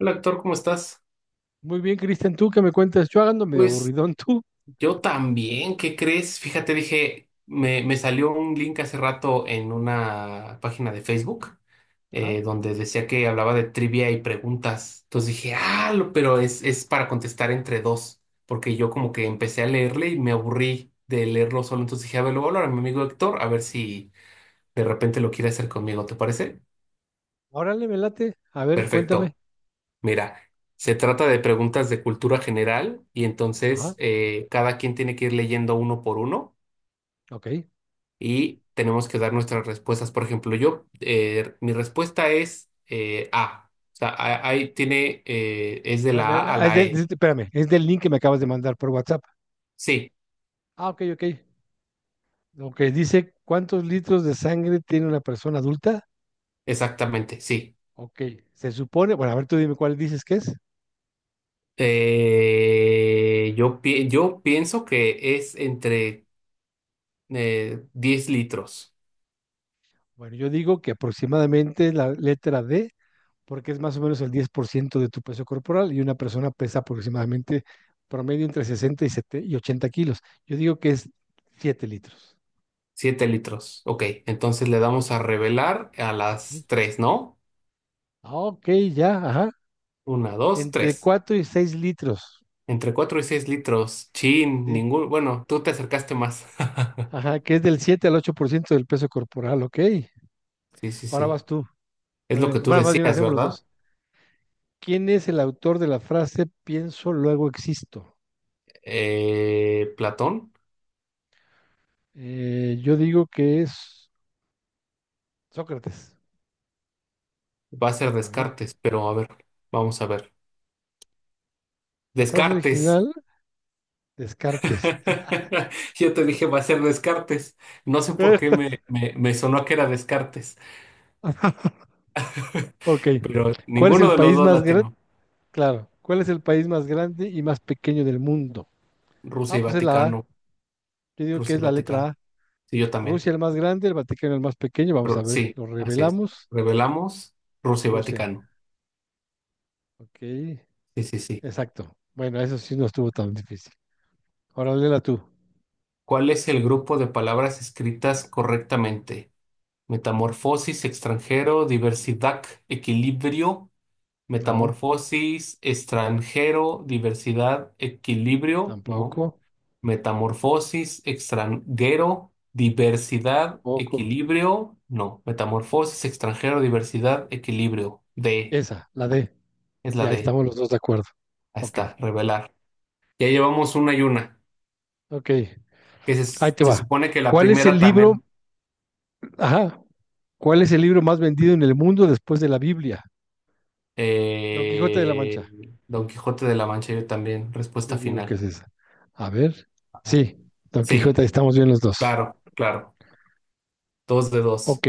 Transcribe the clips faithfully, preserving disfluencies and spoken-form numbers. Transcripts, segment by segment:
Hola, actor, ¿cómo estás? Muy bien, Cristian, ¿tú qué me cuentas? Yo ando medio Pues aburridón, tú. yo también, ¿qué crees? Fíjate, dije, me, me salió un link hace rato en una página de Facebook Ajá. eh, donde decía que hablaba de trivia y preguntas. Entonces dije, ah, lo- pero es, es para contestar entre dos, porque yo como que empecé a leerle y me aburrí de leerlo solo. Entonces dije, a ver, lo voy a hablar a mi amigo Héctor, a ver si de repente lo quiere hacer conmigo, ¿te parece? Órale, me late. A ver, cuéntame. Perfecto. Mira, se trata de preguntas de cultura general y entonces Ajá. eh, cada quien tiene que ir leyendo uno por uno Ok. y tenemos que dar nuestras respuestas. Por ejemplo, yo, eh, mi respuesta es eh, A. O sea, a- ahí tiene, eh, es de la Espérame, A a ah, es la del, es- E. espérame, es del link que me acabas de mandar por WhatsApp. Sí, Ah, ok, ok. Ok, dice, ¿cuántos litros de sangre tiene una persona adulta? exactamente, sí. Ok, se supone, bueno, a ver, tú dime cuál dices que es. Eh, yo, pi- yo pienso que es entre eh, diez litros, Bueno, yo digo que aproximadamente la letra D, porque es más o menos el diez por ciento de tu peso corporal y una persona pesa aproximadamente promedio entre sesenta y setenta y ochenta kilos. Yo digo que es siete litros. siete litros. Ok, entonces le damos a revelar a las tres, ¿no? Ah, ok, ya, ajá. Una, dos, Entre tres. cuatro y seis litros. Entre cuatro y seis litros. Chin, Sí. ningún. Bueno, tú te acercaste más. Ajá, que es del siete al ocho por ciento del peso corporal, ok. Sí, sí, Ahora sí. vas tú. A Es lo ver, que tú bueno, más bien decías, hacemos los ¿verdad? dos. ¿Quién es el autor de la frase pienso, luego existo? Eh, Platón Eh, yo digo que es Sócrates. va a ser A ver, Descartes, pero a ver, vamos a ver. la frase Descartes. original, Descartes. Yo te dije va a ser Descartes. No sé por qué me, me, me sonó que era Descartes, Ok. pero ¿Cuál es ninguno el de los país dos más grande? latino. Claro. ¿Cuál es el país más grande y más pequeño del mundo? Rusia Ah, y pues es la A. Vaticano. Yo digo que Rusia es y la letra Vaticano. A. Sí, yo también. Rusia el más grande, el Vaticano el más pequeño. Vamos a Ru- ver, Sí, lo así es. revelamos. Revelamos Rusia y Rusia. Vaticano. Ok, Sí, sí, sí. exacto. Bueno, eso sí no estuvo tan difícil. Ahora léela tú. ¿Cuál es el grupo de palabras escritas correctamente? Metamorfosis, extranjero, diversidad, equilibrio. No, Metamorfosis, extranjero, diversidad, equilibrio, ¿no? tampoco. Metamorfosis, extranjero, diversidad, Tampoco. equilibrio, no. Metamorfosis, extranjero, diversidad, equilibrio. D, Esa, la D. es Sí, la ahí D. estamos los dos de acuerdo. Ahí Ok, está, revelar. Ya llevamos una y una. ok. Que Ahí se, te se va. supone que la ¿Cuál es el primera libro? también. Ajá. ¿Cuál es el libro más vendido en el mundo después de la Biblia? Don Quijote de la Eh, Mancha. Don Quijote de la Mancha, yo también. Respuesta Yo digo que final. es esa. A ver. Ajá. Sí, Don Sí, Quijote, ahí estamos bien los dos. claro, claro. Dos de dos. Ok,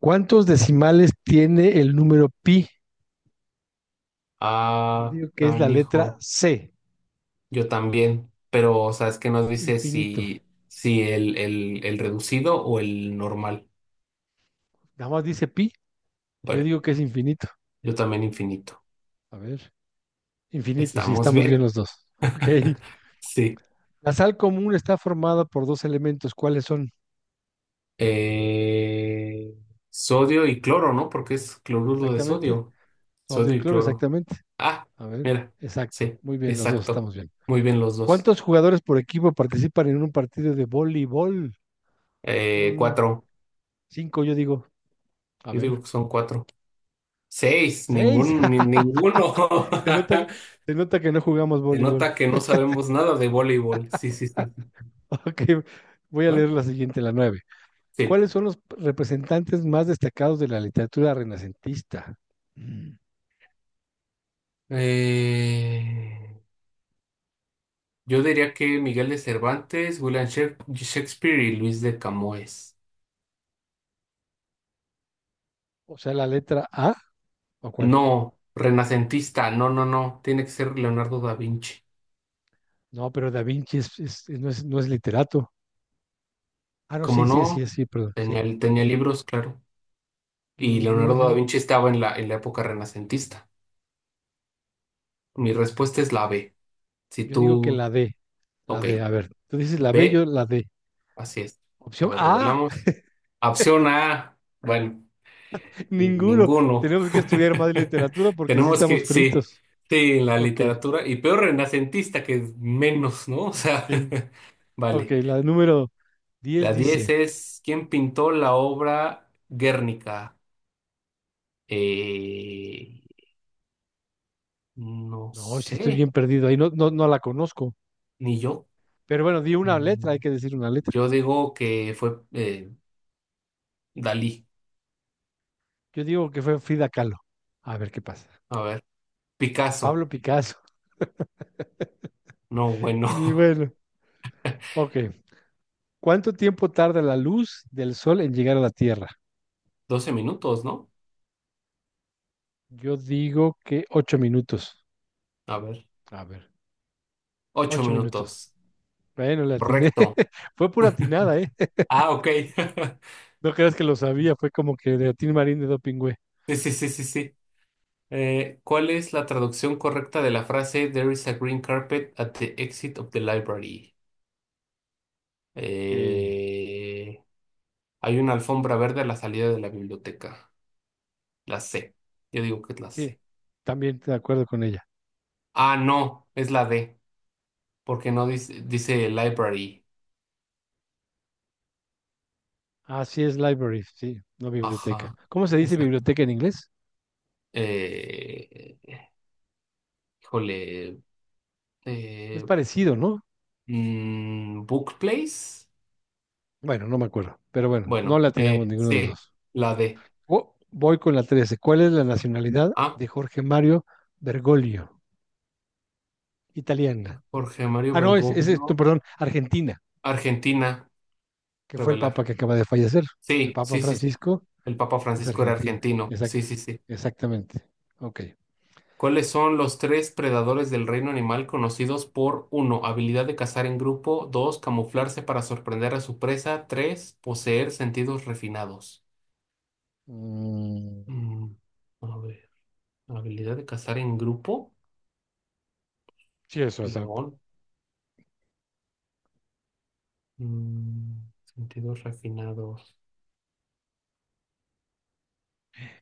¿cuántos decimales tiene el número pi? Yo Ah, digo que es la letra canijo. C, Yo también. Pero, o sea, es que nos dice infinito. si, si el, el, el reducido o el normal. Nada más dice pi, yo Bueno, digo que es infinito. yo también infinito. A ver, infinito, sí, Estamos estamos bien. bien los dos. Ok. Sí. La sal común está formada por dos elementos. ¿Cuáles son? Eh, sodio y cloro, ¿no? Porque es cloruro de Exactamente. sodio. Sodio Sodio y y cloro, cloro. exactamente. Ah, A ver, mira. exacto. Sí, Muy bien, los dos exacto. estamos bien. Muy bien los dos. ¿Cuántos jugadores por equipo participan en un partido de voleibol? Eh, Son cuatro. cinco, yo digo. A Yo ver, digo que son cuatro. Seis. seis. Ningún, ni- ninguno. Se nota, se nota que no jugamos Se voleibol. nota que no sabemos nada de voleibol. Sí, sí, sí. Sí. Ok, voy a Bueno, leer la siguiente, la nueve. sí. ¿Cuáles son los representantes más destacados de la literatura renacentista? Mm, Eh, yo diría que Miguel de Cervantes, William Shak- Shakespeare y Luis de Camoes. O sea, la letra A, ¿o cuál? No, renacentista, no, no, no, tiene que ser Leonardo da Vinci. No, pero Da Vinci es- es- no es, no es literato. Ah, no, Como sí, sí, no, sí, sí, perdón, tenía, sí. tenía libros, claro. Y Gil- Leonardo da Gil- Vinci estaba en la, en la época renacentista. Mi respuesta es la B. Si Yo digo que tú, la D, la ok, D, a ver, tú dices la B, yo B, la D. así es. Opción A ver, A, revelamos. Opción A, bueno, ninguno. ninguno. Tenemos que estudiar más literatura porque sí Tenemos estamos que, sí, fritos. sí, la Ok, literatura, y peor renacentista que menos, ¿no? O sea, sí. Ok, vale. la número diez La diez dice... es ¿quién pintó la obra Guernica? Eh, no No, sí estoy sé, bien perdido ahí, no, no, no la conozco. ni yo. Pero bueno, di una letra, hay Mm, que decir una letra. Yo digo que fue eh, Dalí. Yo digo que fue Frida Kahlo. A ver qué pasa. A ver, Pablo Picasso. Picasso. No, bueno. Ni bueno. Ok. ¿Cuánto tiempo tarda la luz del sol en llegar a la Tierra? Doce minutos, ¿no? Yo digo que ocho minutos. A ver, A ver, ocho ocho minutos. minutos. Bueno, le atiné. Correcto. Fue pura atinada, ¿eh? Ah, ok. No creas que lo sabía, fue como que de Atín Marín de Dopingüe. Sí, sí, sí, sí, sí. Eh, ¿cuál es la traducción correcta de la frase There is a green carpet at the exit of the library? Ok. Eh, Hay una alfombra verde a la salida de la biblioteca. La C. Yo digo que es la Sí, C. también de acuerdo con ella. Ah, no, es la D, porque no dice, dice library. Así es, library, sí, no biblioteca. Ajá, ¿Cómo se dice exacto. biblioteca en inglés? Eh, híjole, Es eh, parecido, ¿no? mm, book place. Bueno, no me acuerdo, pero bueno, no la Bueno, atinamos eh, ninguno de los C, dos. la D. Vo- voy con la trece. ¿Cuál es la nacionalidad Ah, de Jorge Mario Bergoglio? Italiana. Jorge Mario Ah, no, es, es, es- no, Bergoglio, perdón, Argentina, Argentina, que fue el papa revelar. que acaba de fallecer. El Sí, papa sí, sí, sí. Francisco El Papa es Francisco era argentino. argentino. Sí, Exacto, sí, sí. exactamente. Ok. ¿Cuáles son los tres predadores del reino animal conocidos por uno habilidad de cazar en grupo, dos camuflarse para sorprender a su presa, tres poseer sentidos refinados? Mm, Mm, a ver, habilidad de cazar en grupo, sí, eso, o sea, león. Mm, sentidos refinados.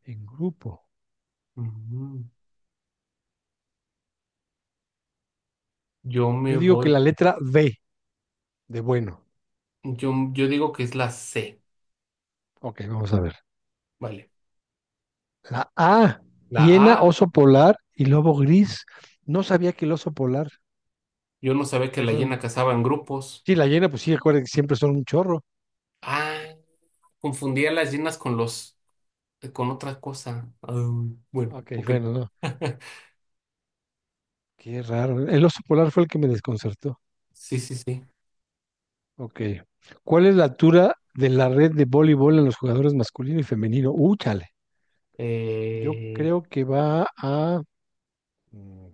en grupo. Ujú. Yo me Yo digo que la voy, letra B de bueno. yo, yo digo que es la C, Ok, vamos a ver. vale. La A, La hiena, A, oso polar y lobo gris. No sabía que el oso polar. yo no sabía que Ahí la fue hiena un- cazaba en grupos. Sí, la hiena, pues sí, acuérdense que siempre son un chorro. Ah, confundía las hienas con los eh, con otras cosas. Ah, bueno, Ok, ok. bueno, no. Qué raro. El oso polar fue el que me desconcertó. Sí, sí, sí. Ok. ¿Cuál es la altura de la red de voleibol en los jugadores masculino y femenino? Uh, chale. Yo Eh, creo que va a mm,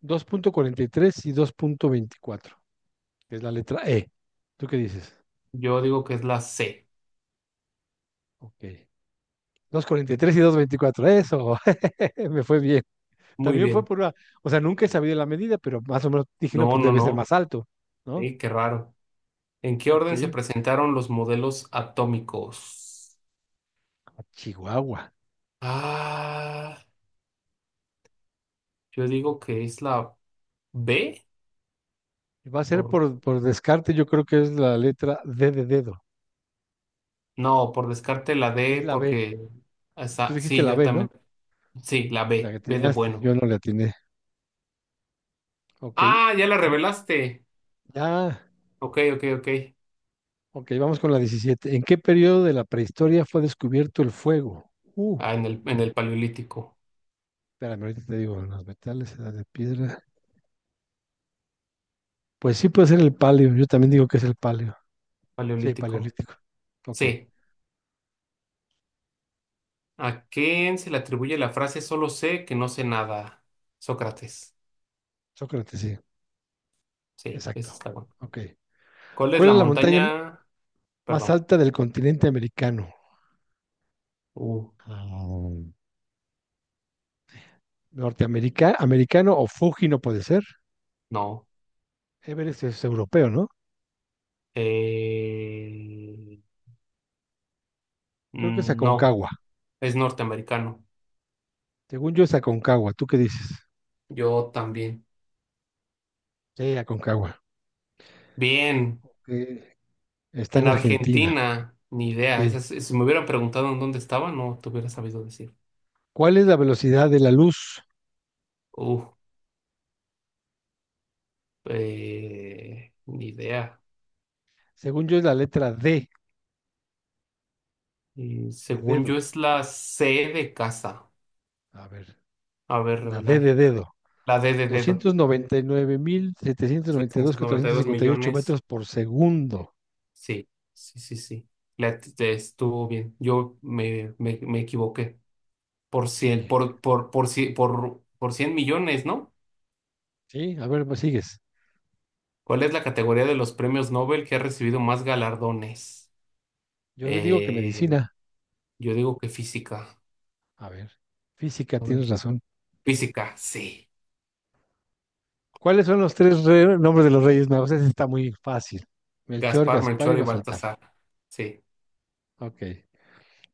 dos punto cuarenta y dos punto veinticuatro, que es la letra E. ¿Tú qué dices? yo digo que es la C. Ok. Dos punto cuarenta y tres y dos punto veinticuatro. Eso. Me fue bien. Muy También fue bien. por una, o sea, nunca he sabido la medida, pero más o menos dije, no, No, pues no, debe ser no. más alto, ¿no? Eh, qué raro. ¿En qué Ok, orden se presentaron los modelos atómicos? a Chihuahua. Ah, yo digo que es la B. Y va a ser Por, por, por descarte, yo creo que es la letra D de dedo, no, por descarte la es D, la B. porque Tú esa- dijiste sí, la yo B, también. ¿no? Sí, la La que B. B de atinaste, bueno. yo no la atiné. Ok, Ah, ya la en- revelaste. ya, Ok, ok, ok. ok, vamos con la diecisiete. ¿En qué periodo de la prehistoria fue descubierto el fuego? Uh, Ah, en el, en el paleolítico. espérame, ahorita te digo, los metales, edad de piedra. Pues sí puede ser el paleo, yo también digo que es el paleo. Sí, Paleolítico. paleolítico. Ok, C. ¿A quién se le atribuye la frase solo sé que no sé nada? Sócrates. Sócrates, sí. Sí, esa Exacto. está bueno. Ok. ¿Cuál es ¿Cuál la es la montaña m- montaña? más Perdón. alta del continente americano? Uh, Ah, Norteamerica, americano o Fuji no puede ser. no. Everest es europeo, ¿no? Eh, Creo que es mm, no, Aconcagua. es norteamericano. Según yo es Aconcagua. ¿Tú qué dices? Yo también. Sí, Aconcagua. Bien, Ok. Está en en Argentina. Argentina, ni Ok. idea. Esa es- si me hubieran preguntado en dónde estaba, no te hubiera sabido decir. ¿Cuál es la velocidad de la luz? Uh, eh, ni idea. Según yo es la letra D Y de según dedo. yo es la C de casa. A ver, A ver, la D revelar. de dedo. La D de dedo. Doscientos noventa noventa y y y nueve mil setecientos noventa y dos mil seiscientos noventa y cuatrocientos dos cincuenta y ocho millones. metros por segundo. Sí, sí, sí, sí. Le at- te estuvo bien. Yo me, me, me equivoqué. Por Ok. cien por, por, por, cien por, por cien millones, ¿no? Sí, a ver, pues sigues. ¿Cuál es la categoría de los premios Nobel que ha recibido más galardones? Yo digo que Eh, medicina. yo digo que física. A ver, física, A ver. tienes razón. Física, sí. ¿Cuáles son los tres re- nombres de los Reyes Magos? Ese está muy fácil. Melchor, Gaspar, Gaspar y Melchor y Baltasar. Baltasar. Sí. Ok.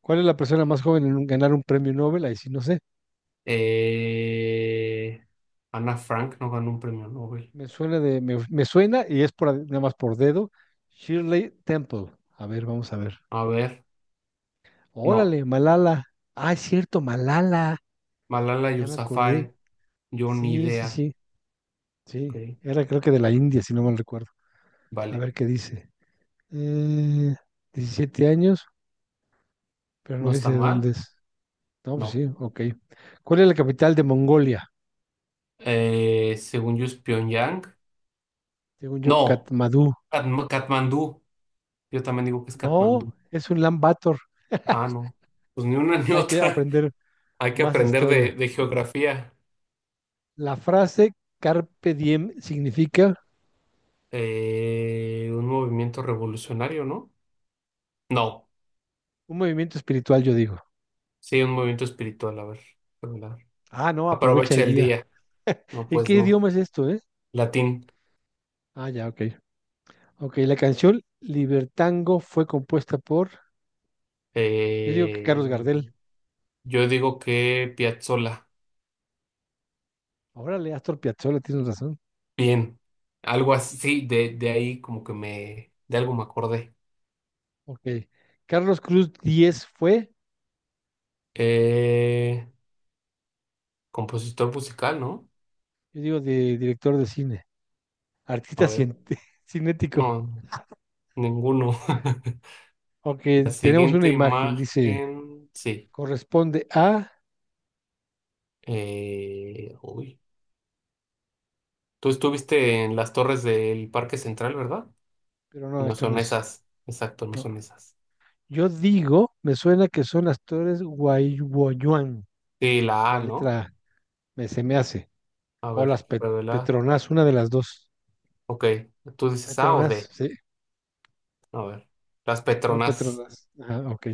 ¿Cuál es la persona más joven en un- ganar un premio Nobel? Ahí sí, no sé. Eh, Ana Frank no ganó un premio Nobel. Me suena de, me, me suena y es por, nada más por dedo. Shirley Temple. A ver, vamos a ver. A ver, no. Órale, Malala. Ah, es cierto, Malala. Malala Ya me acordé. Yousafzai. Yo ni Sí, sí, idea. sí. Ok, Sí. Era creo que de la India, si no mal recuerdo. A vale. ver qué dice. Eh, diecisiete años, pero no No dice está de mal. dónde es. No, pues No. sí, ok. ¿Cuál es la capital de Mongolia? Eh, según yo es Pyongyang. Según yo, No. Katmandú. Katm- Katmandú. Yo también digo que es No, Katmandú. es un Lambator. Ah, no. Pues ni una ni Hay que otra. aprender Hay que más aprender de, historia. de geografía. La frase Carpe Diem significa Eh, un movimiento revolucionario, ¿no? No. un movimiento espiritual, yo digo. Sí, un movimiento espiritual. A ver. ¿Verdad? Ah, no, aprovecha el Aprovecha el día. día. No, ¿En pues qué no. idioma es esto, eh? Latín. Ah, ya, ok. Ok, la canción Libertango fue compuesta por, yo digo que Eh, Carlos Gardel. yo digo que Piazzolla. Órale, Astor Piazzolla, tienes razón. Bien, algo así, sí, de, de ahí como que me, de algo me acordé. Ok. Carlos Cruz Díez fue. Eh, compositor musical, ¿no? Yo digo de director de cine, A artista ver, cien- cinético. no, ninguno. La Aunque tenemos una siguiente imagen, dice, imagen, sí. corresponde a, Eh, uy, tú estuviste en las torres del Parque Central, ¿verdad? pero no, No esto no son es. esas, exacto, no No. son esas. Yo digo, me suena que son actores guayuan, Sí, la A, la ¿no? letra A, me, se me hace. A O ver, las Pe- revela. Petronas, una de las dos. Ok, tú dices A o Petronas, D. sí, A ver, las son Petronas. Petronas. Ajá, ok.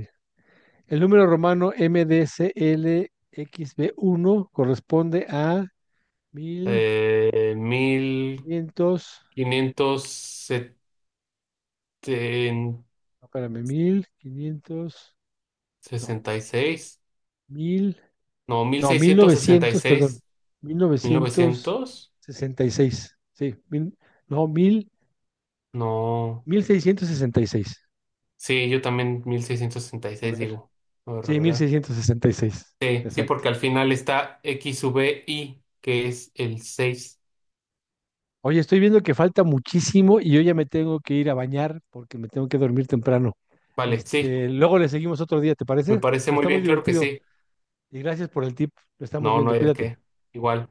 El número romano M D C L X mdclxb uno corresponde a mil Eh, mil. quinientos. quinientos sesenta No, espérame, mil quinientos. No, y seis mil, no, mil no, mil seiscientos sesenta y novecientos perdón, seis mil mil novecientos novecientos sesenta y seis Sí, mil, no, mil, no, mil seiscientos sesenta y seis. sí, yo también mil seiscientos sesenta y A seis ver, digo, voy a sí, mil revelar. seiscientos sesenta y seis Sí, sí, Exacto. porque al final está X sub I, que es el seis. Oye, estoy viendo que falta muchísimo y yo ya me tengo que ir a bañar porque me tengo que dormir temprano. Vale, sí, Este, luego le seguimos otro día, ¿te me parece? parece Pero muy está muy bien, claro que divertido. sí. Y gracias por el tip. Lo estamos No, no viendo. hay de Cuídate. qué. Igual,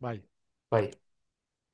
Bye. bye.